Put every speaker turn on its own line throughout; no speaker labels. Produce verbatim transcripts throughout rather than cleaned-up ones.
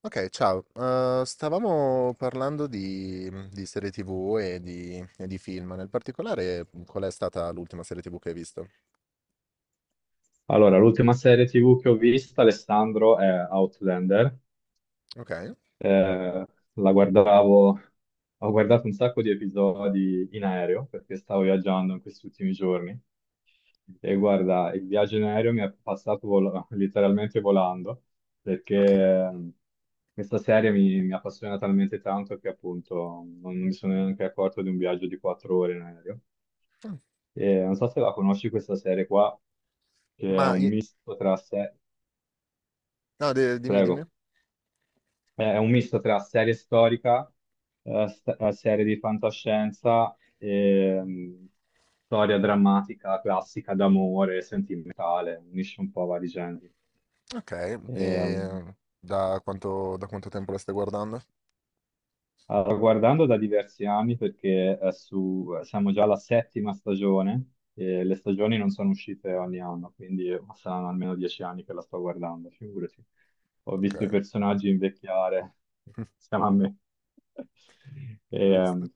Ok, ciao. Eh, stavamo parlando di, mhmm, di serie ti vu e di, e di film. Nel particolare, mhmm, qual è stata l'ultima serie ti vu che hai visto?
Allora, l'ultima serie T V che ho visto, Alessandro, è Outlander.
Ok,
Eh, la guardavo, ho guardato un sacco di episodi in aereo perché stavo viaggiando in questi ultimi giorni. E guarda, il viaggio in aereo mi è passato vol- letteralmente volando perché
ok.
eh, questa serie mi, mi appassiona talmente tanto che appunto non non mi sono neanche accorto di un viaggio di quattro ore in aereo. E non so se la conosci questa serie qua, che è
Ma,
un
i-
misto tra sé.
no, de- Dimmi, dimmi.
Prego. Eh, È un misto tra serie storica, eh, st- eh, serie di fantascienza e mh, storia drammatica, classica d'amore, sentimentale, unisce un po' vari generi.
Ok,
Ehm,
e da quanto, da quanto tempo la stai guardando?
Allora, guardando da diversi anni, perché è su- siamo già alla settima stagione, e le stagioni non sono uscite ogni anno, quindi saranno almeno dieci anni che la sto guardando, figurati. Ho
Ok,
visto i personaggi invecchiare insieme a me. E,
giusto.
ehm,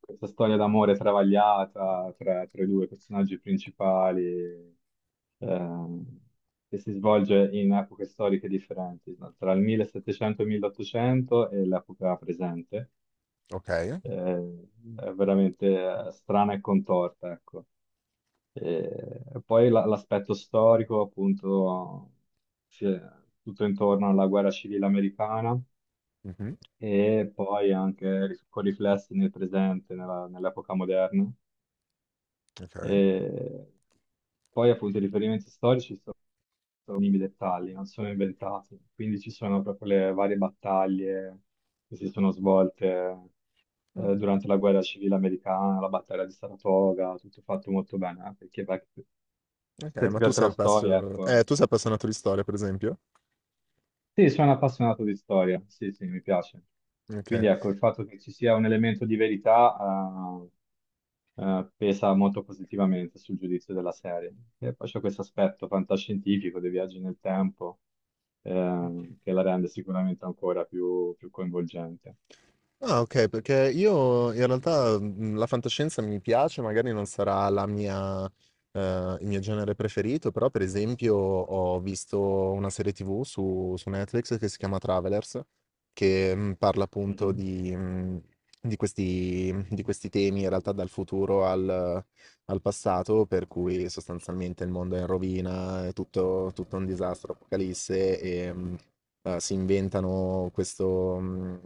Questa storia d'amore travagliata tra, tra i due personaggi principali, ehm, che si svolge in epoche storiche differenti, no? Tra il millesettecento e il milleottocento e l'epoca presente
Ok,
eh, è veramente eh, strana e contorta, ecco. Eh, E poi la- l'aspetto storico, appunto, sì, tutto intorno alla guerra civile americana
mhm,
e poi anche ri- con riflessi nel presente, nella- nell'epoca moderna.
ok.
E poi, appunto, i riferimenti storici, minimi dettagli, non sono inventati. Quindi ci sono proprio le varie battaglie che si sono svolte
Ah,
eh, durante la guerra civile americana, la battaglia di Saratoga, tutto fatto molto bene, eh, perché beh,
ok,
se ti
ma tu
piace
sei,
la storia,
appassio- eh,
ecco,
tu sei appassionato di storia, per esempio?
sì, sono appassionato di storia, sì, sì, mi piace. Quindi
Ok.
ecco, il fatto che ci sia un elemento di verità eh, eh, pesa molto positivamente sul giudizio della serie. E poi c'è questo aspetto fantascientifico dei viaggi nel tempo eh, che la rende sicuramente ancora più, più coinvolgente.
Ah, ok, perché io in realtà mh, la fantascienza mi piace, magari non sarà la mia, eh, il mio genere preferito, però per esempio ho visto una serie ti vu su, su Netflix che si chiama Travelers, che mh, parla appunto
Mhm.
di, mh, di questi, di questi temi, in realtà dal futuro al, al passato, per cui sostanzialmente il mondo è in rovina, è tutto, tutto un disastro, apocalisse e... mh, eh, si inventano questo, mh,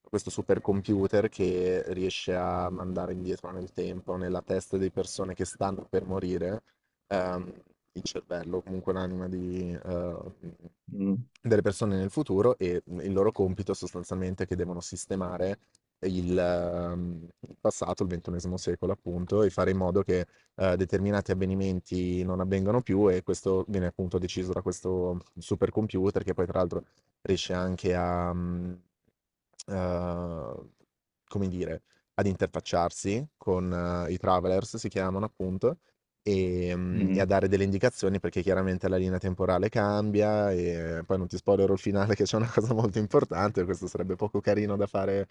questo supercomputer che riesce a mandare indietro nel tempo, nella testa di persone che stanno per morire, ehm, il cervello, comunque l'anima di, eh, delle persone nel futuro e il loro compito sostanzialmente è che devono sistemare il, ehm, il passato, il ventunesimo secolo appunto, e fare in modo che eh, determinati avvenimenti non avvengano più, e questo viene appunto deciso da questo supercomputer che poi tra l'altro riesce anche a, mhmm, uhm, come dire, ad interfacciarsi con eh, i travelers, si chiamano appunto, ehm, e a
Mhm.
dare delle indicazioni perché chiaramente la linea temporale cambia, e poi non ti spoilerò il finale che c'è una cosa molto importante, questo sarebbe poco carino da fare,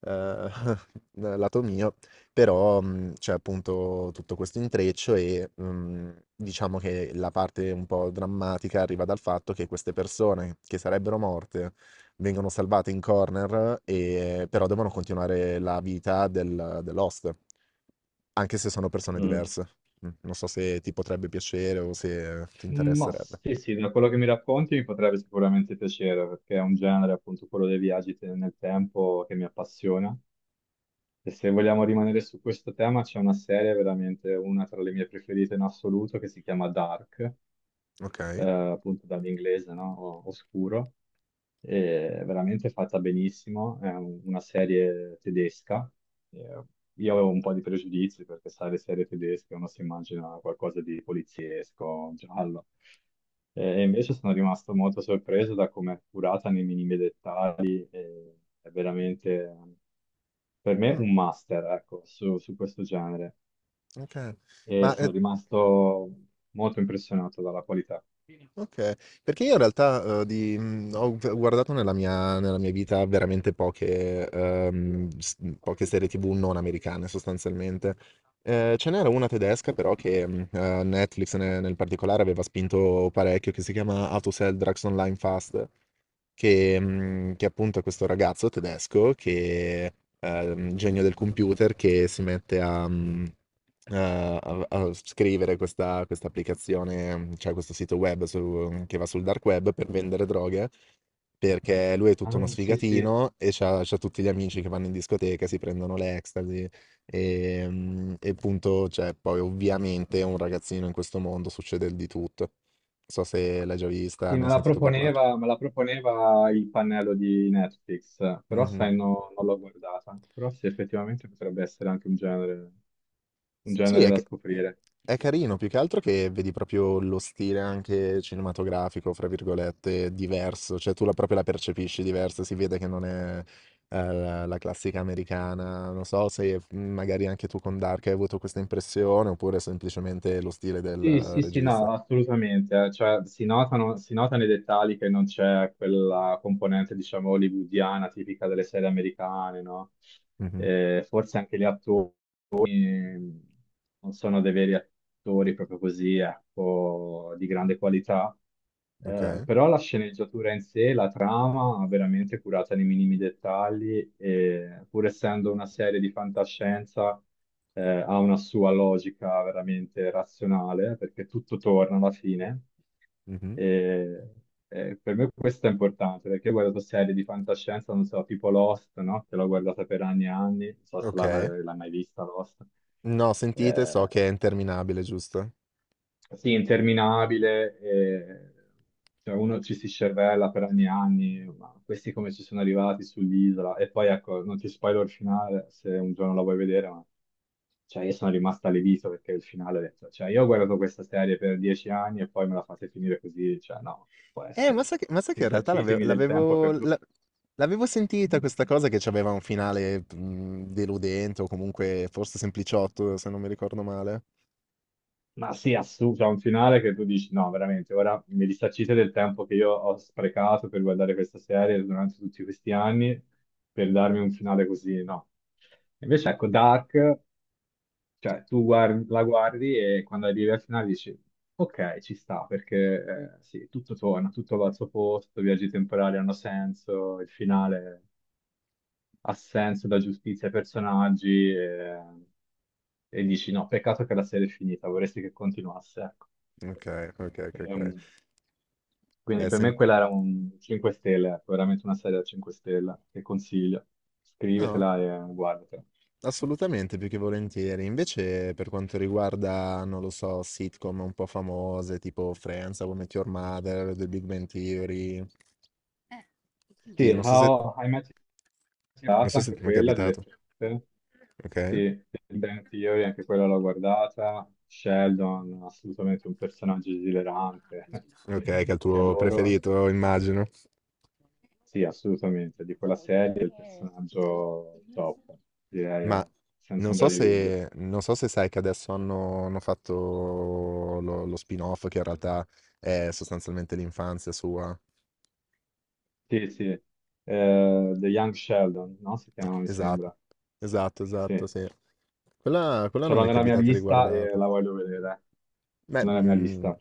uhm, lato mio, però, mhmm, c'è appunto tutto questo intreccio e, mhmm, diciamo che la parte un po' drammatica arriva dal fatto che queste persone che sarebbero morte vengono salvate in corner e però devono continuare la vita del dell'host, anche se sono persone
Mhm.
diverse. Mh, non so se ti potrebbe piacere o se ti
Mhm. Ma
interesserebbe.
sì, sì, da quello che mi racconti mi potrebbe sicuramente piacere, perché è un genere, appunto, quello dei viaggi te- nel tempo che mi appassiona. E se vogliamo rimanere su questo tema, c'è una serie veramente una tra le mie preferite in assoluto che si chiama Dark, eh,
Okay.
appunto dall'inglese, no? O- Oscuro. È veramente fatta benissimo, è un- una serie tedesca. Eh, Io avevo un po' di pregiudizi perché, sai, le serie tedesche uno si immagina qualcosa di poliziesco, giallo. Eh, E invece sono rimasto molto sorpreso da come è curata nei minimi dettagli. E È veramente, per me,
Mh,
un master, ecco, su, su questo genere.
okay.
E
Ma,
sono
ehm
rimasto molto impressionato dalla qualità.
Okay. Perché io in realtà, uhm, di mhmm, ho v guardato nella mia nella mia vita veramente poche uhm, s mhmm, poche serie ti vu non americane sostanzialmente. Ehm, ce n'era una tedesca però che, mhmm, uhm, Netflix ne nel particolare aveva spinto parecchio, che si chiama How to Sell Drugs Online Fast, che, mhmm, che appunto è questo ragazzo tedesco che ehm, genio del computer che si mette a mhmm, a a a scrivere questa questa applicazione, cioè questo sito web su mhmm, che va sul dark web per vendere droghe, perché lui è tutto uno
Ah, sì, sì.
sfigatino e c'ha c'ha tutti gli amici che vanno in discoteca, si prendono l'ecstasy, ehm, e appunto cioè poi ovviamente un ragazzino in questo mondo succede di tutto. Non so se l'hai già vista,
Sì,
ne
me
hai
la
sentito parlar.
proponeva, me la proponeva il pannello di Netflix, però
Mh-mh.
sai, no- non l'ho guardata. Però sì, effettivamente potrebbe essere anche un genere, un
Sì,
genere
è,
da
ca-
scoprire.
è carino, più che altro che vedi proprio lo stile anche cinematografico, fra virgolette, diverso, cioè tu la, proprio la percepisci diversa, si vede che non è eh, la, la classica americana, non so se mm, magari anche tu con Dark hai avuto questa impressione, oppure semplicemente lo stile del
Sì,
eh,
sì, sì,
regista.
no, assolutamente. Eh, cioè, si notano, si nota nei dettagli che non c'è quella componente, diciamo, hollywoodiana tipica delle serie americane, no?
Mhm,
Eh, forse anche gli attori, ehm, non sono dei veri attori proprio così, ecco, di grande qualità. Eh,
ok,
però la sceneggiatura in sé, la trama, veramente curata nei minimi dettagli, e pur essendo una serie di fantascienza, eh, ha una sua logica veramente razionale, perché tutto torna alla fine.
mhm,
E, e per me questo è importante perché io guardo serie di fantascienza, non so, tipo Lost, no? Che l'ho guardata per anni e anni, non so se l'ha-
ok.
l'hai mai vista Lost.
No, sentite, so
Eh,
che è interminabile, giusto?
sì, interminabile, e, cioè, uno ci si scervella per anni e anni, ma questi come ci sono arrivati sull'isola? E poi ecco, non ti spoiler il finale se un giorno la vuoi vedere, ma cioè, io sono rimasto allibito perché il finale, cioè io ho guardato questa serie per dieci anni e poi me la fate finire così, cioè no, può
Eh, ma
essere.
sai che, ma sai che in realtà l'ave
Risarcitemi del tempo
l'avevo l'a
perduto.
l'avevo sentita questa cosa che c'aveva un finale, mhmm, deludente o comunque forse sempliciotto, se non mi ricordo male.
Ma sì, assurdo, c'è un finale che tu dici, no, veramente, ora mi risarcite del tempo che io ho sprecato per guardare questa serie durante tutti questi anni, per darmi un finale così, no. Invece, ecco, Dark, cioè, tu guardi- la guardi e quando arrivi al finale dici, ok, ci sta, perché eh, sì, tutto torna, tutto va al suo posto, i viaggi temporali hanno senso, il finale ha senso, dà giustizia ai personaggi, e, e dici no, peccato che la serie è finita, vorresti che continuasse, ecco.
Okay, okay, okay, okay.
Ehm, quindi
Beh,
per me
sem
quella era un cinque stelle, ecco, veramente una serie da cinque stelle che consiglio.
No,
Scrivetela e guardatela.
assolutamente, più che volentieri. Invece per quanto riguarda, non lo so, sitcom un po' famose, tipo Friends, How I Met Your Mother, The Big Bang Theory. Sì,
Sì,
non so se
How I Met Your
non
Mother,
so se
anche
ti è mai
quella,
capitato.
divertente. Sì,
Okay.
Big Bang Theory, anche quella l'ho guardata. Sheldon, assolutamente un personaggio esilerante
Okay, che è il
che
tuo
adoro.
preferito immagino.
Sì, assolutamente, di quella serie è il personaggio top, direi,
Ma
eh, senza
non so
ombra di dubbio.
se non so se sai che adesso hanno hanno fatto lo lo spin-off che in realtà è sostanzialmente l'infanzia sua.
Sì, sì. Eh, The Young Sheldon, no? Si
Eh,
chiama, mi
Esatto,
sembra.
esatto,
Sì,
esatto, sì. Quella quella
ce
non
l'ho
mi è
nella mia
capitata di
lista e
guardarla.
la voglio vedere.
Beh,
Nella mia
mhmm,
lista.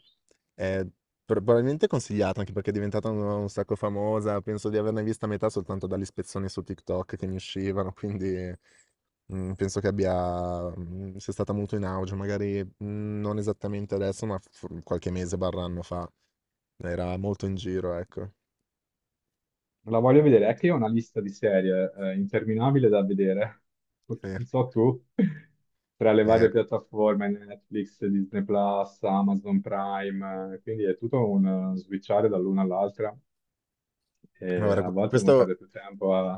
è pro probabilmente consigliata, anche perché è diventata un un sacco famosa. Penso di averne vista metà soltanto dalle spezzoni su TikTok che mi uscivano, quindi, mhmm, penso che abbia mhmm, sia stata molto in auge, magari, mhmm, non esattamente adesso, ma f qualche mese barra anno fa. Era molto in giro, ecco.
La voglio vedere, è che io ho una lista di serie, eh, interminabile da vedere.
Sì,
Non so tu, tra le
eh,
varie piattaforme, Netflix, Disney Plus, Amazon Prime, eh, quindi è tutto un eh, switchare dall'una all'altra.
ma
E
guarda q
a volte uno
questo
perde più tempo a,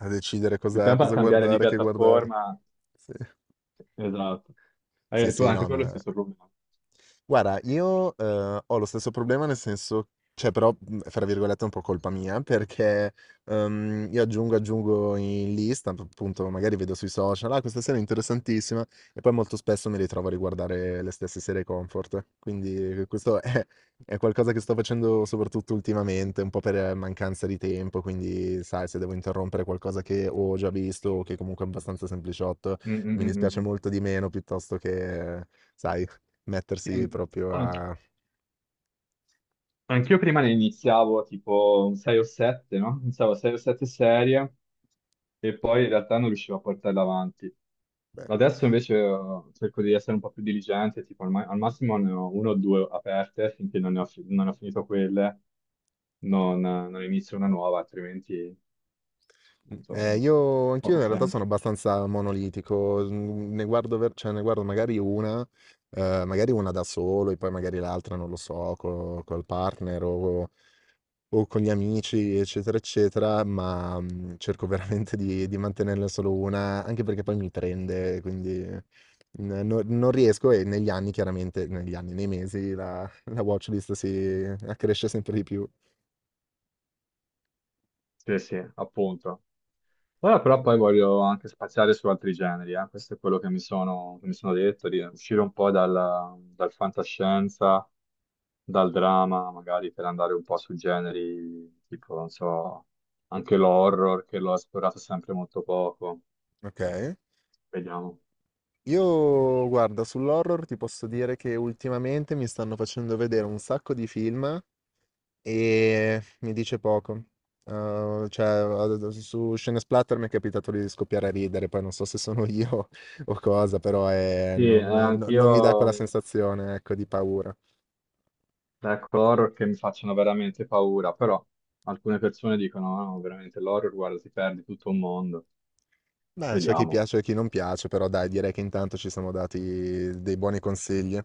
a decidere
più
cosa
tempo a
cosa
cambiare di
guardare, che guardarlo.
piattaforma.
Sì.
Esatto.
Sì,
Eh, tu,
sì,
anche
no,
tu hai lo
ma
stesso problema.
guarda, io, ehm, ho lo stesso problema, nel senso, cioè però, mhmm, fra virgolette è un po' colpa mia, perché, ehm, io aggiungo, aggiungo in lista, p appunto magari vedo sui social: "Ah, questa serie è interessantissima", e poi molto spesso mi ritrovo a riguardare le stesse serie comfort. Quindi eh, questo è è qualcosa che sto facendo soprattutto ultimamente, un po' per mancanza di tempo, quindi sai, se devo interrompere qualcosa che ho già visto o che comunque è abbastanza sempliciotto,
Mm, mm,
mi
mm, mm.
dispiace
mm.
molto di meno, piuttosto che sai
Sì,
mettersi
an-
proprio
anch-
a...
anch'io prima ne iniziavo tipo sei o sette, no? Iniziavo sei o sette serie e poi in realtà non riuscivo a portarle avanti.
Beh,
Adesso invece eh, cerco di essere un po' più diligente, tipo al, ma- al massimo ne ho uno o due aperte finché non ne ho, fi- non ho finito quelle, non, non inizio una nuova, altrimenti...
mh,
appunto,
ehm, io anch'io
poco
in realtà sono
senso.
abbastanza monolitico, mhmm, ne guardo ver cioè ne guardo magari una, ehm, magari una da solo e poi magari l'altra, non lo so, co col partner o o con gli amici, eccetera, eccetera, ma, mhmm, cerco veramente di di mantenerne solo una, anche perché poi mi prende, quindi n no non riesco. E negli anni, chiaramente, negli anni, nei mesi la la watch list si accresce sempre di più.
Sì, sì, appunto. Ora però poi voglio anche spaziare su altri generi, eh. Questo è quello che mi sono, che mi sono detto, di uscire un po' dal, dal fantascienza, dal dramma, magari per andare un po' su generi tipo, non so, anche l'horror, che l'ho esplorato sempre molto poco.
Okay.
Vediamo.
Io guarda, sull'horror ti posso dire che ultimamente mi stanno facendo vedere un sacco di film, e mi dice poco. Uh, cioè, ad- su Scene Splatter mi è capitato di scoppiare a ridere, poi non so se sono io o cosa, però è-
Sì, eh,
non, no- non mi dà
anch'io,
quella sensazione, ecco, di paura.
ecco, horror che mi facciano veramente paura, però alcune persone dicono, "Ah, no, veramente l'horror, guarda, si perde tutto un mondo."
Beh, c'è chi
Vediamo.
piace e chi non piace, però dai, direi che intanto ci siamo dati dei buoni consigli.